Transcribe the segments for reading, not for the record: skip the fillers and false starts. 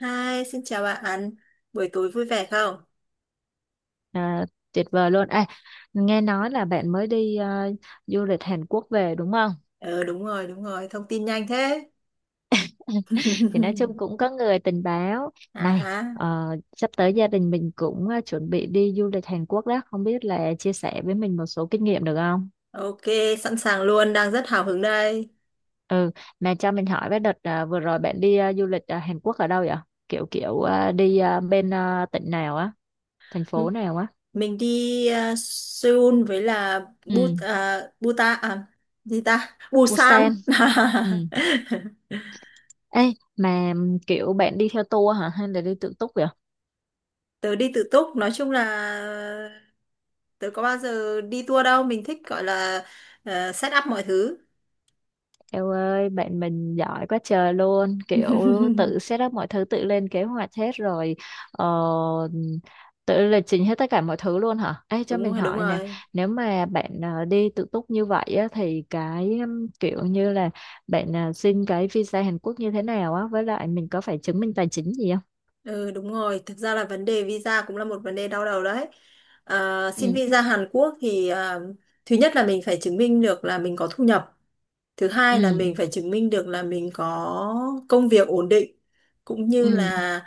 Hi, xin chào bạn. Buổi tối vui vẻ không? À, tuyệt vời luôn. À, nghe nói là bạn mới đi du lịch Hàn Quốc về đúng không? Ờ đúng rồi, thông tin nhanh thế. Thì nói chung cũng có người tình báo À này ha. Sắp tới gia đình mình cũng chuẩn bị đi du lịch Hàn Quốc đó. Không biết là chia sẻ với mình một số kinh nghiệm được không? Ok, sẵn sàng luôn, đang rất hào hứng đây. Ừ, mà cho mình hỏi với đợt vừa rồi bạn đi du lịch Hàn Quốc ở đâu vậy? Kiểu kiểu đi bên tỉnh nào á, thành M- phố nào á? Mình đi Seoul với là Ừ, But à, Buta à gì ta? Busan. Busan. Ừ. Ê, mà kiểu bạn đi theo tour hả hay là đi tự túc vậy? Tớ đi tự túc, nói chung là tớ có bao giờ đi tour đâu, mình thích gọi là set up mọi thứ. Eo ơi, bạn mình giỏi quá trời luôn, kiểu tự set up mọi thứ, tự lên kế hoạch hết rồi, ờ, tự lịch trình hết tất cả mọi thứ luôn hả? Ê, cho Đúng mình rồi, đúng hỏi nè, rồi. nếu mà bạn đi tự túc như vậy á, thì cái kiểu như là bạn xin cái visa Hàn Quốc như thế nào á, với lại mình có phải chứng minh tài chính gì không? Ừ đúng rồi, thực ra là vấn đề visa cũng là một vấn đề đau đầu đấy. À, xin Ừ, visa Hàn Quốc thì thứ nhất là mình phải chứng minh được là mình có thu nhập. Thứ hai là ừ, mình phải chứng minh được là mình có công việc ổn định cũng như ừ, là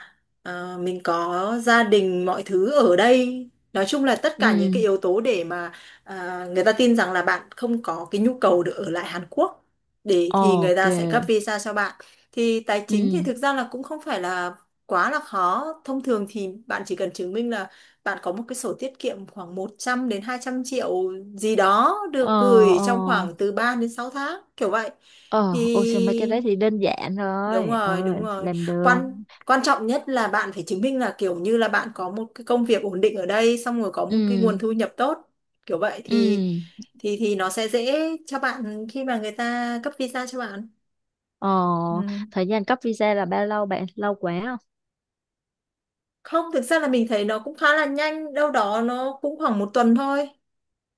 mình có gia đình mọi thứ ở đây. Nói chung là tất cả những cái ừ, yếu tố để mà người ta tin rằng là bạn không có cái nhu cầu được ở lại Hàn Quốc để thì người ok, ta sẽ cấp visa cho bạn. Thì tài chính thì ừ, thực ra là cũng không phải là quá là khó. Thông thường thì bạn chỉ cần chứng minh là bạn có một cái sổ tiết kiệm khoảng 100 đến 200 triệu gì đó, ờ, được gửi ờ. trong khoảng từ 3 đến 6 tháng kiểu vậy. Ờ, ôi trời mấy cái Thì đấy thì đơn giản đúng rồi, rồi, đúng rồi, làm được. quan quan trọng nhất là bạn phải chứng minh là kiểu như là bạn có một cái công việc ổn định ở đây, xong rồi có Ừ. một cái nguồn thu nhập tốt kiểu vậy thì Ừ. Nó sẽ dễ cho bạn khi mà người ta cấp visa cho bạn. ờ Ừ. Thời gian cấp visa là bao lâu bạn, lâu quá không? Không, thực ra là mình thấy nó cũng khá là nhanh, đâu đó nó cũng khoảng một tuần thôi,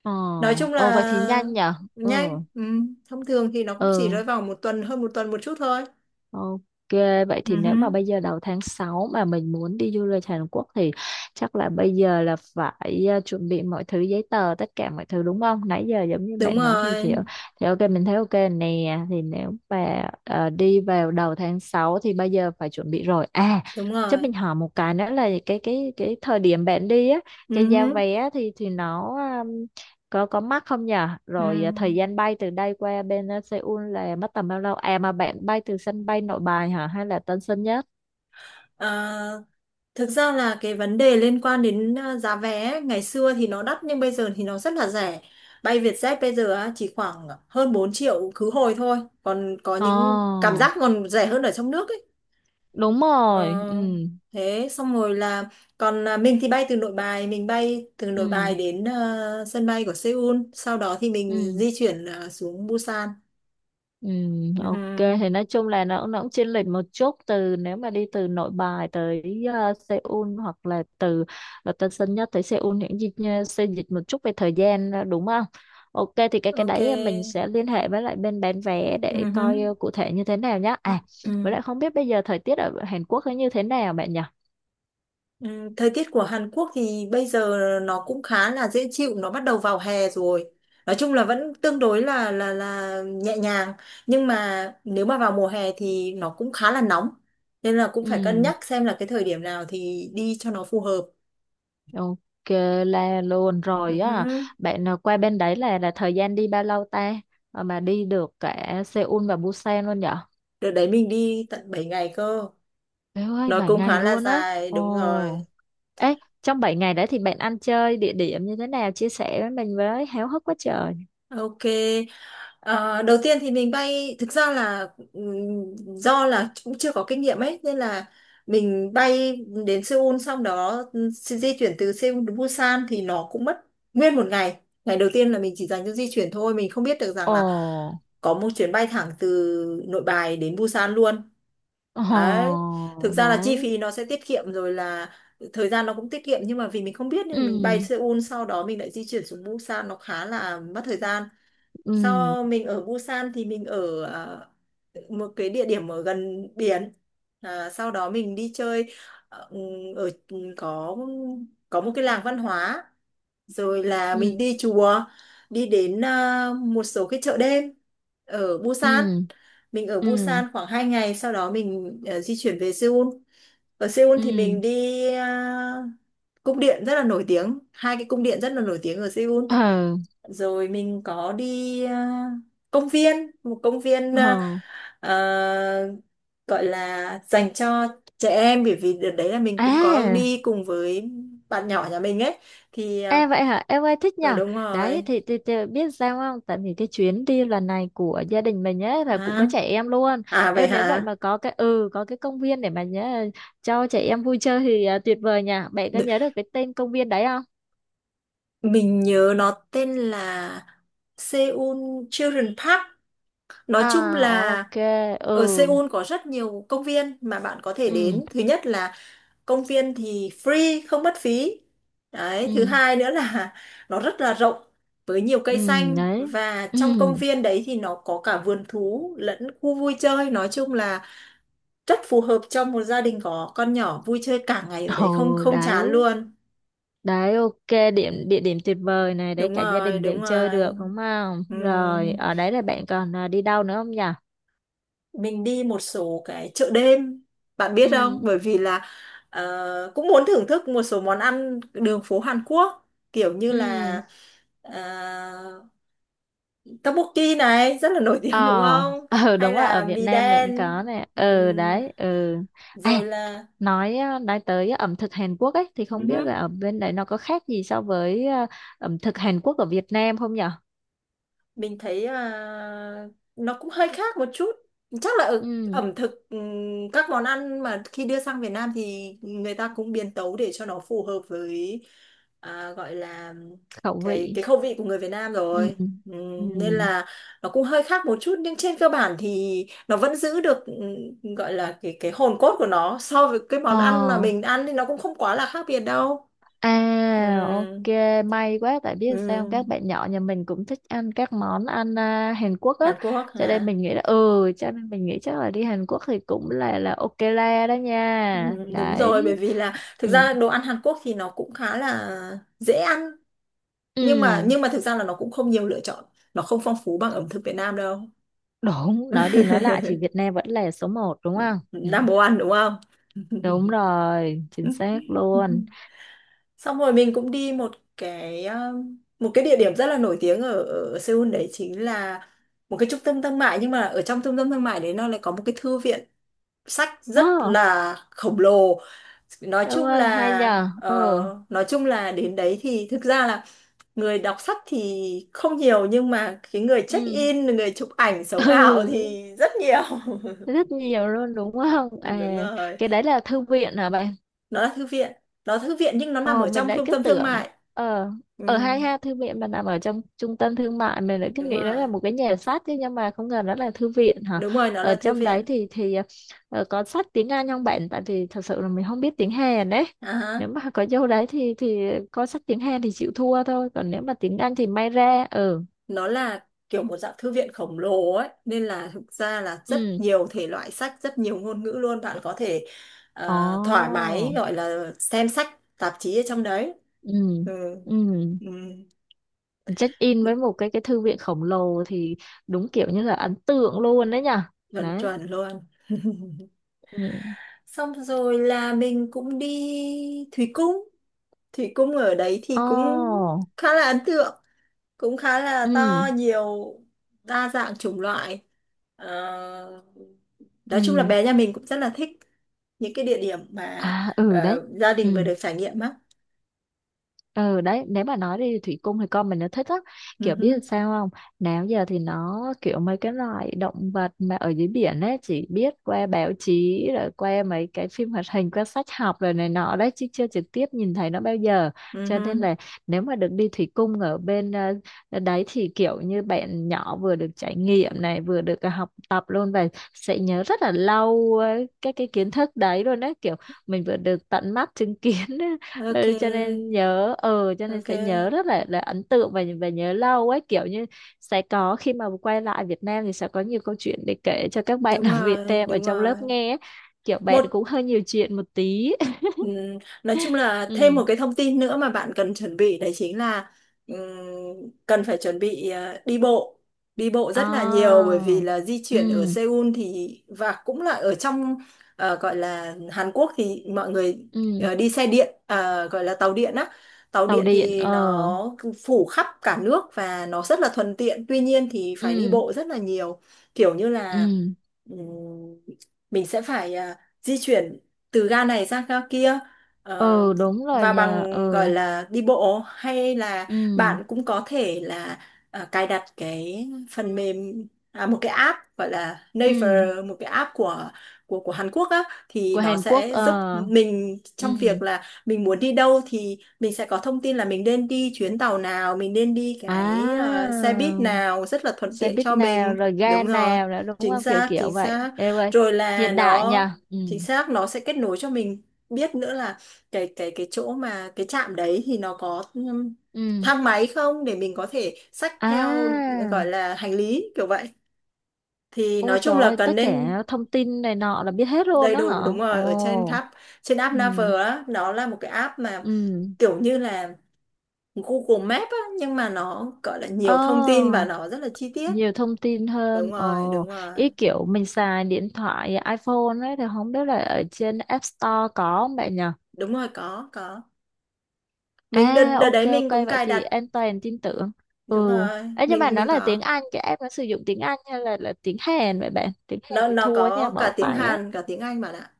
ờ nói chung Ồ vậy thì là nhanh nhở. Ừ. nhanh. Ừ. Thông thường thì nó cũng chỉ Ừ. rơi vào một tuần, hơn một tuần một chút thôi. Ok, vậy thì Ừ nếu mà hứ. bây giờ đầu tháng 6 mà mình muốn đi du lịch Hàn Quốc thì chắc là bây giờ là phải chuẩn bị mọi thứ giấy tờ tất cả mọi thứ đúng không? Nãy giờ giống như Đúng bạn nói thì rồi, thì, thì ok mình thấy ok nè, thì nếu mà đi vào đầu tháng 6 thì bây giờ phải chuẩn bị rồi. À, đúng chắc rồi. mình hỏi một cái nữa là cái thời điểm bạn đi á, Ừ cái giá hứ. vé thì nó, có mắc không nhở, Ừ. rồi thời gian bay từ đây qua bên, Seoul là mất tầm bao lâu, mà bạn bay từ sân bay Nội Bài hả hay là Tân Sơn Nhất? À, thực ra là cái vấn đề liên quan đến giá vé ấy, ngày xưa thì nó đắt nhưng bây giờ thì nó rất là rẻ. Bay Vietjet bây giờ á, chỉ khoảng hơn 4 triệu khứ hồi thôi, còn có Ờ, những cảm giác còn rẻ hơn ở trong nước ấy. đúng rồi. Ừ. Ờ, thế xong rồi là còn mình thì bay từ Nội Bài, Ừ. đến sân bay của Seoul, sau đó thì mình Ừ. di chuyển xuống Busan. Ừ, Ừ hừ. ok thì nói chung là nó cũng chênh lệch một chút, từ nếu mà đi từ Nội Bài tới Seoul hoặc là từ Tân Sơn Nhất tới Seoul những gì xe dịch một chút về thời gian, đúng không? Ok thì cái Ok. đấy mình sẽ liên hệ với lại bên bán vé Ừ để hừ. coi cụ thể như thế nào nhá. À với Ừ. lại không biết bây giờ thời tiết ở Hàn Quốc nó như thế nào bạn nhỉ? Ừ. Thời tiết của Hàn Quốc thì bây giờ nó cũng khá là dễ chịu, nó bắt đầu vào hè rồi, nói chung là vẫn tương đối là nhẹ nhàng, nhưng mà nếu mà vào mùa hè thì nó cũng khá là nóng, nên là cũng phải cân Ừ, nhắc xem là cái thời điểm nào thì đi cho nó phù hợp. ok là luôn Ừ rồi hứ. á. Bạn qua bên đấy là thời gian đi bao lâu ta? Ờ, mà đi được cả Seoul và Busan luôn nhỉ? Đợt đấy mình đi tận 7 ngày cơ. Bé ơi, Nó 7 cũng ngày khá là luôn á. dài, đúng rồi. Ồ. Ê, trong 7 ngày đấy thì bạn ăn chơi địa điểm như thế nào, chia sẻ với mình với, háo hức quá trời. Ok. Ờ, đầu tiên thì mình bay, thực ra là do là cũng chưa có kinh nghiệm ấy, nên là mình bay đến Seoul, xong đó di di chuyển từ Seoul đến Busan thì nó cũng mất nguyên một ngày. Ngày đầu tiên là mình chỉ dành cho di chuyển thôi, mình không biết được rằng Ồ. là có một chuyến bay thẳng từ Nội Bài đến Busan luôn đấy. Thực Ồ, ra là chi đấy. phí nó sẽ tiết kiệm, rồi là thời gian nó cũng tiết kiệm, nhưng mà vì mình không biết nên mình bay Ừ. Seoul, sau đó mình lại di chuyển xuống Busan, nó khá là mất thời gian. Ừ. Sau mình ở Busan thì mình ở một cái địa điểm ở gần biển, sau đó mình đi chơi ờ, ừ, ở ừ, có một cái làng văn hóa, rồi là Ừ. mình đi chùa, đi đến một số cái chợ đêm ở Busan. Ừ. Mình ở Ừ. Busan khoảng 2 ngày, sau đó mình di chuyển về Seoul. Ở Seoul thì Ừ. mình đi cung điện rất là nổi tiếng, hai cái cung điện rất là nổi tiếng ở Seoul. Ừ. Rồi mình có đi công viên, một công viên à, gọi là dành cho trẻ em, bởi vì đợt đấy là mình cũng có À. đi cùng với bạn nhỏ nhà mình ấy, thì Em vậy hả? Em ơi thích ừ, nhở? đúng Đấy rồi. thì biết sao không? Tại vì cái chuyến đi lần này của gia đình mình ấy là cũng À, có trẻ em luôn. à vậy Em nếu vậy hả? mà có cái công viên để mà nhớ, cho trẻ em vui chơi thì tuyệt vời nhỉ. Bạn có Đ- nhớ được cái tên công viên đấy không? Mình nhớ nó tên là Seoul Children Park. Nói chung À là ok. ở Ừ. Seoul có rất nhiều công viên mà bạn có thể Ừ. đến. Thứ nhất là công viên thì free, không mất phí. Đấy, thứ Ừ. hai nữa là nó rất là rộng với nhiều Ừ cây xanh, đấy. và Ừ. trong công viên đấy thì nó có cả vườn thú lẫn khu vui chơi. Nói chung là rất phù hợp cho một gia đình có con nhỏ vui chơi cả ngày ở đấy không, Ồ không chán đấy. luôn. Đấy ok, địa điểm tuyệt vời này đấy, Đúng cả gia rồi, đình đều đúng chơi rồi. được đúng không? Rồi Ừm, ở đấy là bạn còn đi đâu nữa không nhỉ? mình đi một số cái chợ đêm, bạn biết không, Ừ. bởi vì là cũng muốn thưởng thức một số món ăn đường phố Hàn Quốc, kiểu như là Ừ. uh, tteokbokki này rất là nổi ờ tiếng đúng không, ờ hay đúng rồi, ở là Việt mì Nam mình đen. có nè. Ờ, Ừm, đấy. Ừ. À, rồi là nói tới ẩm thực Hàn Quốc ấy thì không biết ừ. là ở bên đấy nó có khác gì so với ẩm thực Hàn Quốc ở Việt Nam không nhở? Mình thấy nó cũng hơi khác một chút, chắc là ở Ừ. ẩm thực, các món ăn mà khi đưa sang Việt Nam thì người ta cũng biến tấu để cho nó phù hợp với gọi là Khẩu cái vị. cái khẩu vị của người Việt Nam Ừ. rồi. Ừ. Nên là nó cũng hơi khác một chút, nhưng trên cơ bản thì nó vẫn giữ được, gọi là cái hồn cốt của nó, so với cái Ờ. món ăn mà mình ăn thì nó cũng không quá là khác biệt đâu. À, Ừm, ok. May quá, tại biết sao không? Các ừm. bạn nhỏ nhà mình cũng thích ăn các món ăn, Hàn Quốc á, Hàn Quốc cho nên hả? mình nghĩ là. Ừ cho nên mình nghĩ chắc là đi Hàn Quốc thì cũng là ok la đó Ừ, nha đúng rồi, bởi đấy. vì là thực Ừ. ra đồ ăn Hàn Quốc thì nó cũng khá là dễ ăn, nhưng mà Ừ. nhưng mà thực ra là nó cũng không nhiều lựa chọn, nó không phong phú bằng ẩm thực Việt Nam đâu. Đúng, nói đi nói lại thì Việt Nam vẫn là số một đúng không. Ừ. Number one đúng không? Đúng rồi chính xác luôn. Xong rồi mình cũng đi một cái địa điểm rất là nổi tiếng ở, ở Seoul đấy, chính là một cái trung tâm thương mại, nhưng mà ở trong trung tâm thương mại đấy nó lại có một cái thư viện sách rất Đó là khổng lồ, nói ông chung ơi hay là nhờ. Ừ. Đến đấy thì thực ra là người đọc sách thì không nhiều, nhưng mà cái người check Ừ. in, người chụp ảnh sống ảo Ừ, thì rất nhiều. rất nhiều luôn đúng không? Đúng À, rồi, cái đấy là thư viện hả bạn? nó là thư viện, nó là thư viện nhưng nó nằm Ờ, ở mình trong lại trung cứ tâm thương tưởng, mại. ờ ừ, ở hai ha, thư viện mà nằm ở trong trung tâm thương mại mình lại cứ Đúng nghĩ đó rồi, là một cái nhà sách chứ, nhưng mà không ngờ đó là thư viện hả? đúng rồi, nó Ở là thư trong đấy viện. thì có sách tiếng Anh không bạn, tại vì thật sự là mình không biết tiếng Hàn đấy. à, Nếu mà có vô đấy thì có sách tiếng Hàn thì chịu thua thôi, còn nếu mà tiếng Anh thì may ra. Ừ. nó là kiểu một dạng thư viện khổng lồ ấy, nên là thực ra là rất Ừ. nhiều thể loại sách, rất nhiều ngôn ngữ luôn, bạn có thể thoải mái Ồ. gọi là xem sách tạp chí ở trong đấy. Ừ. Ừ. Ừ. Ừ. Check in với một cái thư viện khổng lồ thì đúng kiểu như là ấn tượng luôn đấy nhở. Chuẩn Đấy. chuẩn luôn. Ừ. Xong rồi là mình cũng đi Thủy Cung. Thủy Cung ở đấy thì Ồ. cũng khá là ấn tượng, cũng khá là Ừ. to, nhiều đa dạng chủng loại. Ờ, nói chung là Ừ. bé nhà mình cũng rất là thích những cái địa điểm mà À. Ừ đấy. Gia đình vừa Ừ. được trải nghiệm á. Ừ đấy, nếu mà nói đi thủy cung thì con mình nó thích lắm. Ừ Kiểu hứ. biết làm sao không, nào giờ thì nó kiểu mấy cái loại động vật mà ở dưới biển ấy chỉ biết qua báo chí, rồi qua mấy cái phim hoạt hình, qua sách học rồi này nọ đấy, chứ chưa trực tiếp nhìn thấy nó bao giờ. Ừ Cho hứ. nên là nếu mà được đi thủy cung ở bên, đấy thì kiểu như bạn nhỏ vừa được trải nghiệm này vừa được học tập luôn, và sẽ nhớ rất là lâu các cái kiến thức đấy luôn, đấy kiểu mình vừa được tận mắt chứng kiến. Ok, Ừ, cho nên ok. sẽ nhớ rất là ấn tượng và nhớ lâu ấy, kiểu như sẽ có khi mà quay lại Việt Nam thì sẽ có nhiều câu chuyện để kể cho các bạn Đúng ở Việt rồi, Nam ở đúng trong rồi. lớp nghe ấy. Kiểu Một. bạn cũng hơi nhiều chuyện một tí. Ừm, Nói chung là thêm Ừ. một cái thông tin nữa mà bạn cần chuẩn bị đấy chính là cần phải chuẩn bị đi bộ, đi bộ rất là nhiều, À. bởi vì là di chuyển ở Ừ. Seoul thì và cũng là ở trong gọi là Hàn Quốc thì mọi người Ừ. Đi xe điện, gọi là tàu điện á. Tàu Tàu điện điện. thì Ờ. nó phủ khắp cả nước và nó rất là thuận tiện, tuy nhiên thì phải đi Ừ. bộ rất là nhiều, kiểu như Ừ. là ừm, mình sẽ phải di chuyển từ ga này sang ga kia, ờ, Ờ đúng rồi và nhờ. bằng gọi Ờ. là đi bộ, hay là Ừ. bạn cũng có thể là cài đặt cái phần mềm, một cái app gọi là Ừ. Naver, một cái app của Hàn Quốc á, thì Của nó Hàn Quốc. sẽ Ờ. giúp mình trong Ừ. việc là mình muốn đi đâu thì mình sẽ có thông tin là mình nên đi chuyến tàu nào, mình nên đi À, cái xe buýt nào, rất là thuận xe tiện buýt cho nào mình. rồi ga Đúng rồi, nào nữa đúng chính không, kiểu xác, kiểu chính vậy. xác. Ê ơi Rồi là hiện đại nó nha. Ừ. chính xác, nó sẽ kết nối cho mình biết nữa là cái chỗ mà cái trạm đấy thì nó có Ừ. thang máy không, để mình có thể xách theo, À gọi là hành lý kiểu vậy, thì ô nói trời chung là ơi, cần tất nên cả thông tin này nọ là biết hết luôn đầy đó hả? đủ. Đúng rồi, ở trên Ồ. app, trên app Ừ. Naver á, nó là một cái app mà Ừ. kiểu như là Google Maps á, nhưng mà nó gọi là Ồ, nhiều thông tin và nó rất là chi tiết. nhiều thông tin Đúng hơn. Ồ. rồi, đúng rồi. Ý kiểu mình xài điện thoại iPhone ấy thì không biết là ở trên App Store có không bạn nhỉ? Đúng rồi, có có. mình đợt À đợt ok, đấy ok mình cũng vậy cài thì đặt. an toàn tin tưởng. Ừ. Đúng rồi, Ấy nhưng mà mình nó mình là tiếng có. Anh, cái app nó sử dụng tiếng Anh hay là tiếng Hàn vậy bạn? Tiếng Hàn nó thì nó thua nha, có bó cả tiếng tay á. Hàn cả tiếng Anh bạn ạ,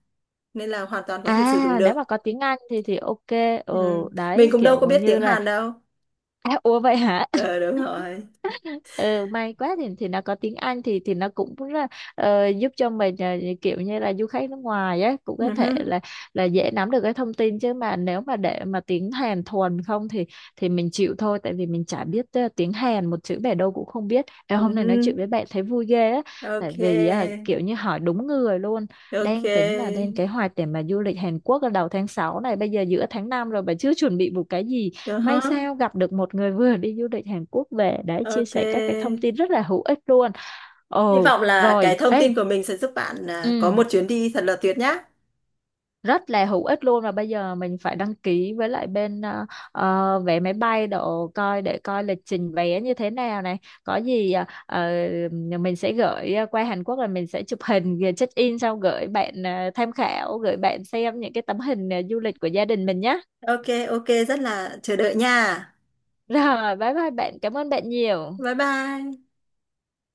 nên là hoàn toàn có thể sử dụng À nếu mà được. có tiếng Anh thì ok. Ừ. Ừ Mình đấy cũng đâu có kiểu biết như tiếng là. Hàn đâu. À ủa vậy hả? Ờ đúng rồi. Ừ, may quá thì nó có tiếng Anh thì nó cũng rất là, giúp cho mình, kiểu như là du khách nước ngoài á cũng có Ừ thể hứ. là dễ nắm được cái thông tin, chứ mà nếu mà để mà tiếng Hàn thuần không thì mình chịu thôi, tại vì mình chả biết tiếng Hàn một chữ bẻ đâu cũng không biết. Ê, Ừ hôm nay hứ. nói chuyện với bạn thấy vui ghê á, tại Ok, vì kiểu như hỏi đúng người luôn, ok. đang tính là lên kế hoạch để mà du lịch Hàn Quốc ở đầu tháng 6 này, bây giờ giữa tháng 5 rồi mà chưa chuẩn bị một cái gì. Ừ hứ. May sao gặp được một người vừa đi du lịch Hàn Quốc về để chia Ok, sẻ các cái thông tin rất là hữu ích luôn. hy Ồ, vọng là rồi, cái thông ê, tin của mình sẽ giúp bạn có ừ, một chuyến đi thật là tuyệt nhá. rất là hữu ích luôn. Và bây giờ mình phải đăng ký với lại bên, vé máy bay độ coi, để coi lịch trình vé như thế nào này. Có gì, mình sẽ gửi, qua Hàn Quốc là mình sẽ chụp hình rồi check in xong gửi bạn tham khảo, gửi bạn xem những cái tấm hình du lịch của gia đình mình nhé. Ok, ok, rất là chờ đợi nha. Rồi, bye bye bạn, cảm ơn bạn nhiều. Bye bye.